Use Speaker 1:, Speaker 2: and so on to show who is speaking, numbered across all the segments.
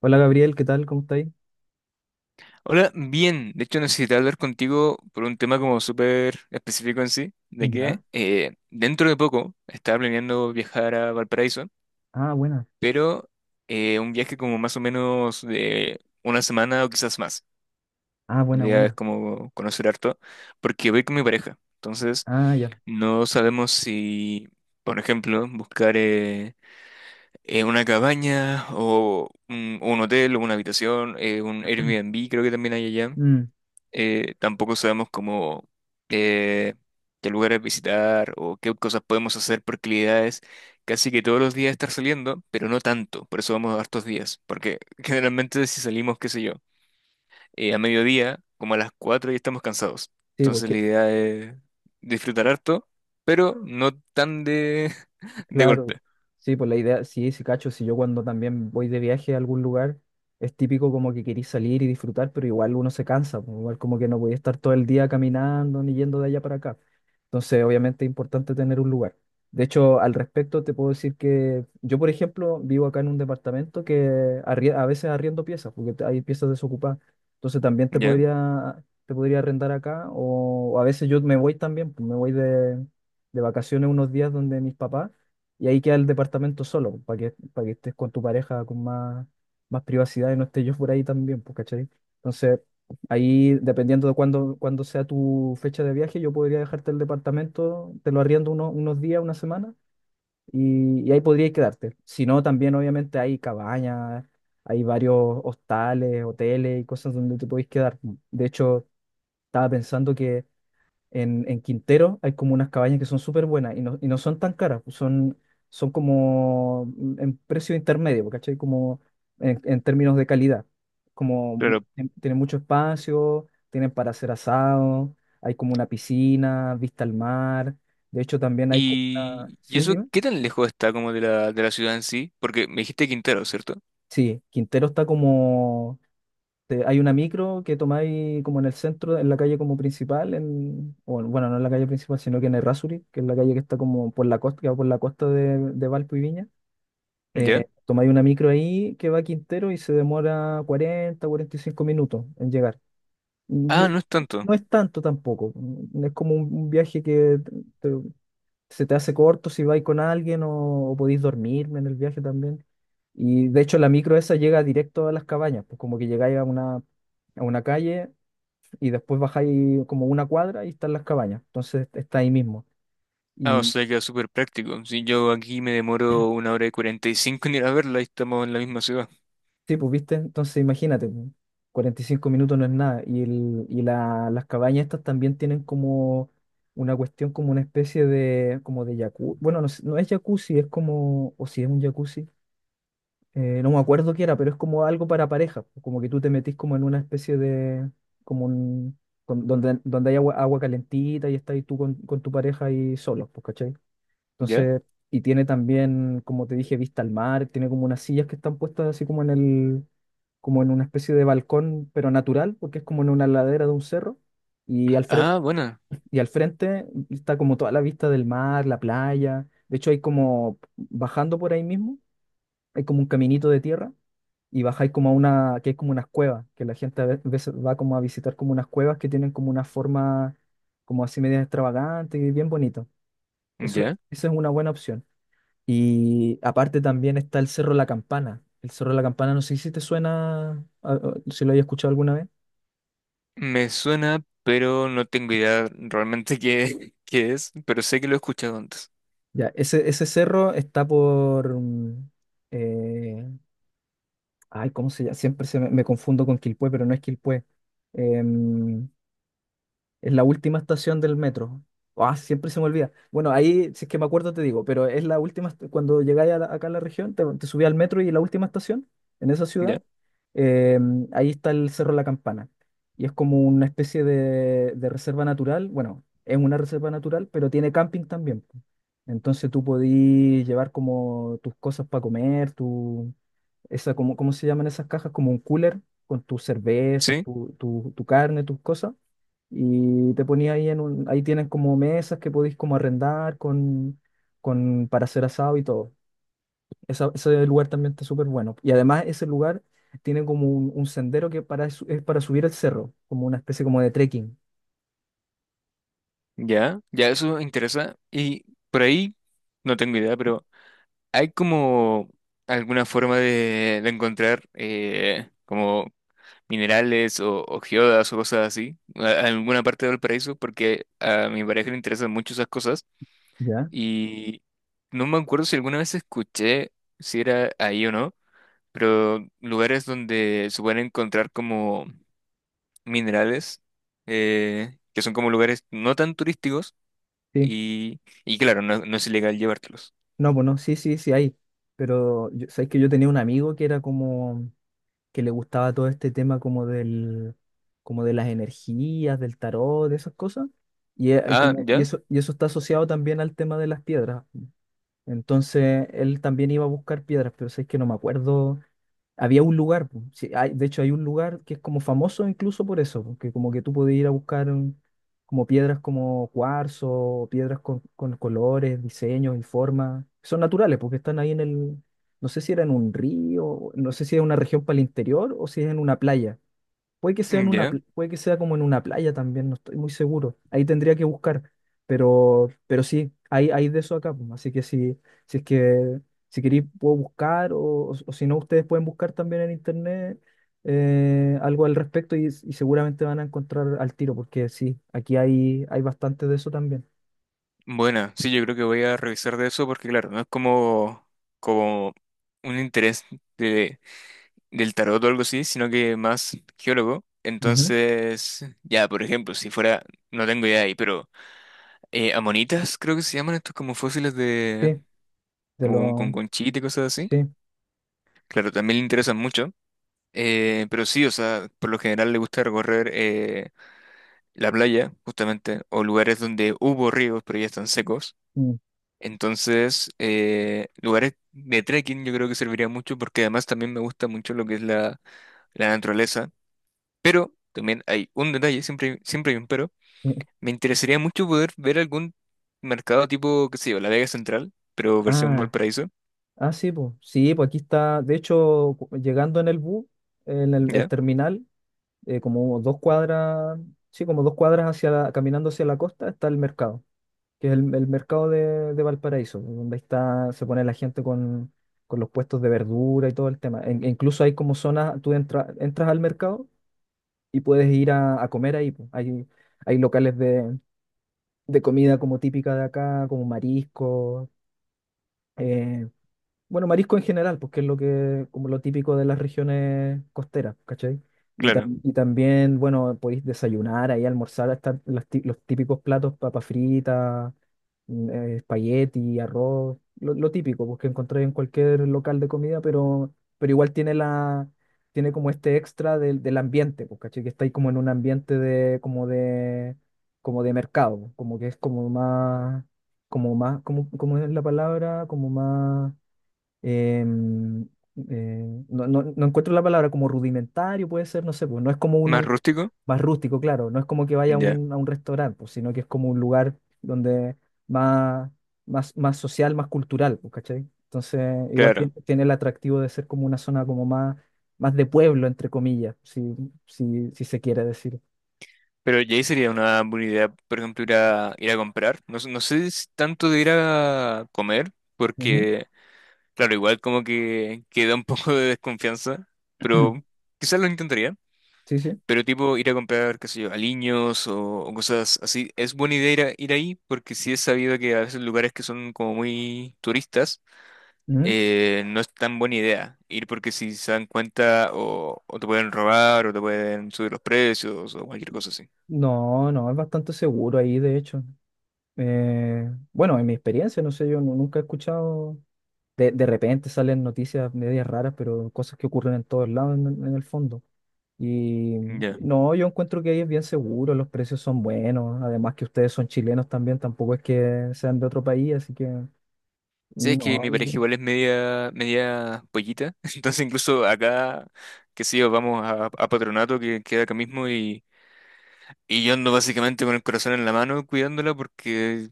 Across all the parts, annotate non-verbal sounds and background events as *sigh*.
Speaker 1: Hola Gabriel, ¿qué tal? ¿Cómo estáis?
Speaker 2: Hola, bien. De hecho, necesité hablar contigo por un tema como súper específico en sí, de
Speaker 1: Ya.
Speaker 2: que dentro de poco estaba planeando viajar a Valparaíso,
Speaker 1: Ah, buena.
Speaker 2: pero un viaje como más o menos de una semana o quizás más.
Speaker 1: Ah,
Speaker 2: La
Speaker 1: buena,
Speaker 2: idea es
Speaker 1: buena.
Speaker 2: como conocer harto, porque voy con mi pareja. Entonces,
Speaker 1: Ah, ya.
Speaker 2: no sabemos si, por ejemplo, buscar una cabaña o un hotel o una habitación, un
Speaker 1: *clears throat*
Speaker 2: Airbnb creo que también hay allá.
Speaker 1: Mm,
Speaker 2: Tampoco sabemos cómo eh, qué lugares visitar o qué cosas podemos hacer por actividades. Casi que todos los días estar saliendo, pero no tanto, por eso vamos a hartos días, porque *laughs* generalmente si salimos, qué sé yo, a mediodía, como a las 4 ya estamos cansados.
Speaker 1: sí,
Speaker 2: Entonces la
Speaker 1: porque
Speaker 2: idea es disfrutar harto, pero no tan de, *laughs* de
Speaker 1: claro,
Speaker 2: golpe,
Speaker 1: sí, pues la idea, sí, sí, cacho, si yo cuando también voy de viaje a algún lugar, es típico como que querís salir y disfrutar, pero igual uno se cansa, pues, igual como que no voy a estar todo el día caminando ni yendo de allá para acá. Entonces, obviamente es importante tener un lugar. De hecho, al respecto te puedo decir que yo, por ejemplo, vivo acá en un departamento que a veces arriendo piezas, porque hay piezas desocupadas. Entonces también
Speaker 2: ¿ya?
Speaker 1: te podría arrendar acá, o a veces yo me voy también, pues, me voy de vacaciones unos días donde mis papás. Y ahí queda el departamento solo, pues, para que estés con tu pareja con más, más privacidad y no esté yo por ahí también, pues, ¿cachai? Entonces, ahí, dependiendo de cuándo, cuándo sea tu fecha de viaje, yo podría dejarte el departamento, te lo arriendo unos días, una semana, y ahí podrías quedarte. Si no, también obviamente hay cabañas, hay varios hostales, hoteles y cosas donde te podéis quedar, pues. De hecho, estaba pensando en Quintero hay como unas cabañas que son súper buenas y no son tan caras, pues son, son como en precio intermedio, pues, ¿cachai? Como en términos de calidad. Como
Speaker 2: Claro.
Speaker 1: tienen mucho espacio, tienen para hacer asado, hay como una piscina, vista al mar. De hecho, también hay como una...
Speaker 2: Y
Speaker 1: ¿Sí,
Speaker 2: eso,
Speaker 1: dime?
Speaker 2: ¿qué tan lejos está como de de la ciudad en sí? Porque me dijiste Quintero, ¿cierto?
Speaker 1: Sí, Quintero está como hay una micro que tomáis como en el centro, en la calle como principal, en, o bueno, no en la calle principal, sino que en el Errázuriz, que es la calle que está como por la costa, que va por la costa de Valpo y Viña.
Speaker 2: ¿Ya?
Speaker 1: Tomáis una micro ahí que va a Quintero y se demora 40, 45 minutos en llegar. Yo,
Speaker 2: Ah, no es tanto.
Speaker 1: no es tanto tampoco, es como un viaje que se te hace corto si vais con alguien o podéis dormirme en el viaje también. Y de hecho la micro esa llega directo a las cabañas, pues como que llegáis a una calle y después bajáis como una cuadra y están las cabañas, entonces está ahí mismo.
Speaker 2: Ah, o
Speaker 1: Y
Speaker 2: sea, queda súper práctico. Si yo aquí me demoro una hora y 45 en ir a verla y estamos en la misma ciudad.
Speaker 1: sí, pues viste, entonces imagínate, 45 minutos no es nada. Y, el, las cabañas estas también tienen como una cuestión, como una especie de, como de jacuzzi, bueno, no, no es jacuzzi, es como, o si es un jacuzzi no me acuerdo qué era, pero es como algo para pareja, como que tú te metís como en una especie de, como un, donde, donde hay agua, agua calentita y estás ahí tú con tu pareja ahí solos, pues, ¿cachai?
Speaker 2: ¿Ya?
Speaker 1: Entonces, y tiene también, como te dije, vista al mar, tiene como unas sillas que están puestas así como en el, como en una especie de balcón, pero natural, porque es como en una ladera de un cerro, y al frente,
Speaker 2: Ah, bueno,
Speaker 1: y al frente está como toda la vista del mar, la playa, de hecho hay como, bajando por ahí mismo, hay como un caminito de tierra y bajáis como a una, que es como unas cuevas, que la gente a veces va como a visitar como unas cuevas que tienen como una forma como así media extravagante y bien bonito. Eso,
Speaker 2: ya.
Speaker 1: esa es una buena opción. Y aparte también está el Cerro La Campana. El Cerro La Campana, no sé si te suena, si lo hayas escuchado alguna vez.
Speaker 2: Me suena, pero no tengo idea realmente qué, *laughs* qué es, pero sé que lo he escuchado antes.
Speaker 1: Ya, ese cerro está por... eh, ay, ¿cómo se llama? Siempre se me, me confundo con Quilpué, pero no es Quilpué. Em, Es la última estación del metro. Ah, siempre se me olvida. Bueno, ahí, si es que me acuerdo, te digo, pero es la última, cuando llegáis a acá a la región, te subí al metro y la última estación, en esa ciudad,
Speaker 2: ¿Ya?
Speaker 1: eh, ahí está el Cerro La Campana. Y es como una especie de reserva natural. Bueno, es una reserva natural, pero tiene camping también, po. Entonces tú podís llevar como tus cosas para comer, esa, cómo, ¿cómo se llaman esas cajas? Como un cooler con tus cervezas,
Speaker 2: Sí,
Speaker 1: tu carne, tus cosas. Y te ponía ahí en un, ahí tienen como mesas que podéis como arrendar con, para hacer asado y todo. Ese lugar también está súper bueno. Y además ese lugar tiene como un sendero que para, es para subir el cerro, como una especie como de trekking.
Speaker 2: ya, ya eso me interesa. Y por ahí, no tengo idea, pero ¿hay como alguna forma de encontrar como minerales o geodas o cosas así, a alguna parte del paraíso, porque a mi pareja le interesan mucho esas cosas
Speaker 1: ¿Ya?
Speaker 2: y no me acuerdo si alguna vez escuché si era ahí o no, pero lugares donde se pueden encontrar como minerales, que son como lugares no tan turísticos
Speaker 1: Sí.
Speaker 2: y claro, no, no es ilegal llevártelos.
Speaker 1: No, pues no, sí, sí, sí, ahí. Pero sabéis que yo tenía un amigo que era como, que le gustaba todo este tema como del, como de las energías, del tarot, de esas cosas. Y,
Speaker 2: Ah,
Speaker 1: como,
Speaker 2: ya,
Speaker 1: y eso está asociado también al tema de las piedras. Entonces él también iba a buscar piedras, pero sé que no me acuerdo había un lugar, po. Sí, de hecho hay un lugar que es como famoso incluso por eso, porque como que tú podías ir a buscar como piedras como cuarzo, o piedras con colores, diseños y formas. Son naturales porque están ahí en el, no sé si era en un río, no sé si es una región para el interior o si es en una playa, puede que sea en
Speaker 2: mm,
Speaker 1: una,
Speaker 2: ya.
Speaker 1: puede que sea como en una playa también, no estoy muy seguro. Ahí tendría que buscar, pero sí, hay de eso acá, pues. Así que si, si es que si queréis puedo buscar o si no ustedes pueden buscar también en internet algo al respecto y seguramente van a encontrar al tiro, porque sí, aquí hay, hay bastante de eso también.
Speaker 2: Bueno, sí, yo creo que voy a revisar de eso porque claro, no es como, como un interés del tarot o algo así, sino que más geólogo.
Speaker 1: Ujú,
Speaker 2: Entonces, ya, por ejemplo, si fuera, no tengo idea ahí, pero amonitas creo que se llaman estos como fósiles de,
Speaker 1: sí, de
Speaker 2: como con
Speaker 1: lo,
Speaker 2: conchita y cosas así.
Speaker 1: sí.
Speaker 2: Claro, también le interesan mucho. Pero sí, o sea, por lo general le gusta recorrer la playa, justamente, o lugares donde hubo ríos, pero ya están secos.
Speaker 1: Mm,
Speaker 2: Entonces, lugares de trekking yo creo que serviría mucho porque además también me gusta mucho lo que es la naturaleza. Pero también hay un detalle, siempre, siempre hay un pero.
Speaker 1: mm.
Speaker 2: Me interesaría mucho poder ver algún mercado tipo, qué sé yo, La Vega Central, pero versión
Speaker 1: Ah,
Speaker 2: Valparaíso,
Speaker 1: ah, sí, pues aquí está, de hecho, llegando en el bus, en el
Speaker 2: ¿ya?
Speaker 1: terminal, como dos cuadras, sí, como dos cuadras hacia caminando hacia la costa está el mercado, que es el mercado de Valparaíso, donde ahí está, se pone la gente con los puestos de verdura y todo el tema. E incluso hay como zonas, tú entras al mercado y puedes ir a comer ahí, pues. Hay locales de comida como típica de acá, como marisco, eh, bueno, marisco en general, porque es lo que, como lo típico de las regiones costeras, ¿cachai? Y,
Speaker 2: Claro.
Speaker 1: y también, bueno, podéis desayunar ahí, almorzar, están los, los típicos platos, papa frita, espagueti, arroz, lo típico, porque encontráis en cualquier local de comida, pero igual tiene la, tiene como este extra del, del ambiente, pues, ¿cachai? Que estáis como en un ambiente de, como de, como de mercado, como que es como más, como más, como, como es la palabra, como más em, no, no encuentro la palabra como rudimentario, puede ser, no sé, pues no es como
Speaker 2: Más
Speaker 1: un
Speaker 2: rústico,
Speaker 1: más rústico, claro, no es como que vaya
Speaker 2: ya,
Speaker 1: a un restaurante, pues, sino que es como un lugar donde más, más, más social, más cultural, pues, ¿cachai? Entonces, igual
Speaker 2: claro.
Speaker 1: tiene el atractivo de ser como una zona como más, más de pueblo, entre comillas, si, si, si se quiere decir.
Speaker 2: Pero ya ahí sería una buena idea, por ejemplo, ir ir a comprar. No sé si tanto de ir a comer,
Speaker 1: Ujú.
Speaker 2: porque, claro, igual como que queda un *laughs* poco de desconfianza, pero
Speaker 1: *clears throat*
Speaker 2: quizás lo intentaría.
Speaker 1: Sí, sí.
Speaker 2: Pero tipo ir a comprar, qué sé yo, aliños o cosas así, es buena idea ir, ir ahí porque sí es sabido que a veces lugares que son como muy turistas,
Speaker 1: Ujú.
Speaker 2: no es tan buena idea ir porque si se dan cuenta o te pueden robar o te pueden subir los precios o cualquier cosa así.
Speaker 1: No, no, es bastante seguro ahí, de hecho. Bueno, en mi experiencia, no sé, yo nunca he escuchado, de repente salen noticias medias raras, pero cosas que ocurren en todos lados en el fondo. Y
Speaker 2: Ya.
Speaker 1: no, yo encuentro que ahí es bien seguro, los precios son buenos, además que ustedes son chilenos también, tampoco es que sean de otro país, así que
Speaker 2: Sí, es que
Speaker 1: no,
Speaker 2: mi pareja igual es media, media pollita, *laughs* entonces incluso acá, qué sé yo, vamos a Patronato que queda acá mismo y... Y yo ando básicamente con el corazón en la mano cuidándola porque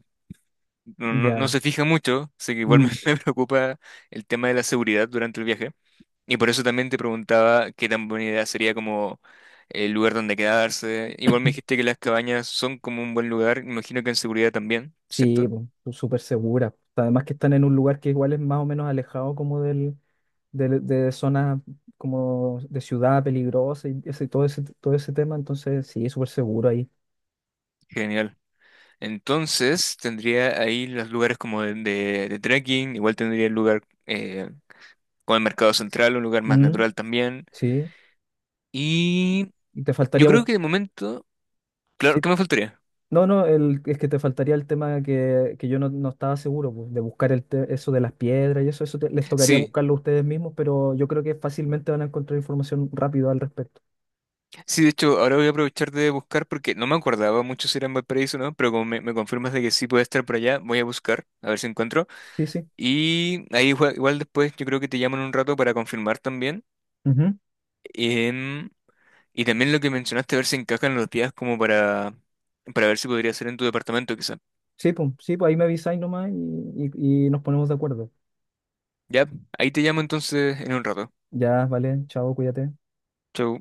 Speaker 2: no
Speaker 1: ya.
Speaker 2: se fija mucho, así que igual me,
Speaker 1: Mm.
Speaker 2: *laughs* me preocupa el tema de la seguridad durante el viaje. Y por eso también te preguntaba qué tan buena idea sería como el lugar donde quedarse. Igual me dijiste que las cabañas son como un buen lugar, imagino que en seguridad también,
Speaker 1: Sí,
Speaker 2: ¿cierto?
Speaker 1: po, súper segura. Además que están en un lugar que igual es más o menos alejado como del, de zonas como de ciudad peligrosa y ese, todo ese, todo ese tema, entonces sí, súper seguro ahí.
Speaker 2: Genial. Entonces tendría ahí los lugares como de, de trekking, igual tendría el lugar con el mercado central, un lugar más
Speaker 1: Mm,
Speaker 2: natural también.
Speaker 1: sí,
Speaker 2: Y
Speaker 1: y te
Speaker 2: yo
Speaker 1: faltaría
Speaker 2: creo que de momento, claro,
Speaker 1: sí.
Speaker 2: ¿qué me faltaría?
Speaker 1: No, no, el, es que te faltaría el tema que yo no, no estaba seguro, pues, de buscar el eso de las piedras y eso, les tocaría
Speaker 2: Sí,
Speaker 1: buscarlo ustedes mismos, pero yo creo que fácilmente van a encontrar información rápido al respecto.
Speaker 2: sí, de hecho, ahora voy a aprovechar de buscar porque no me acordaba mucho si era en Valparaíso o no, pero como me confirmas de que sí puede estar por allá, voy a buscar, a ver si encuentro.
Speaker 1: Sí, sí.
Speaker 2: Y ahí igual, igual después yo creo que te llaman un rato para confirmar también. Em, y también lo que mencionaste, a ver si encajan los días como para ver si podría ser en tu departamento quizá.
Speaker 1: Sí, pues ahí me avisáis nomás y nos ponemos de acuerdo.
Speaker 2: Ya, ahí te llamo entonces en un rato.
Speaker 1: Ya, vale, chao, cuídate.
Speaker 2: Chau.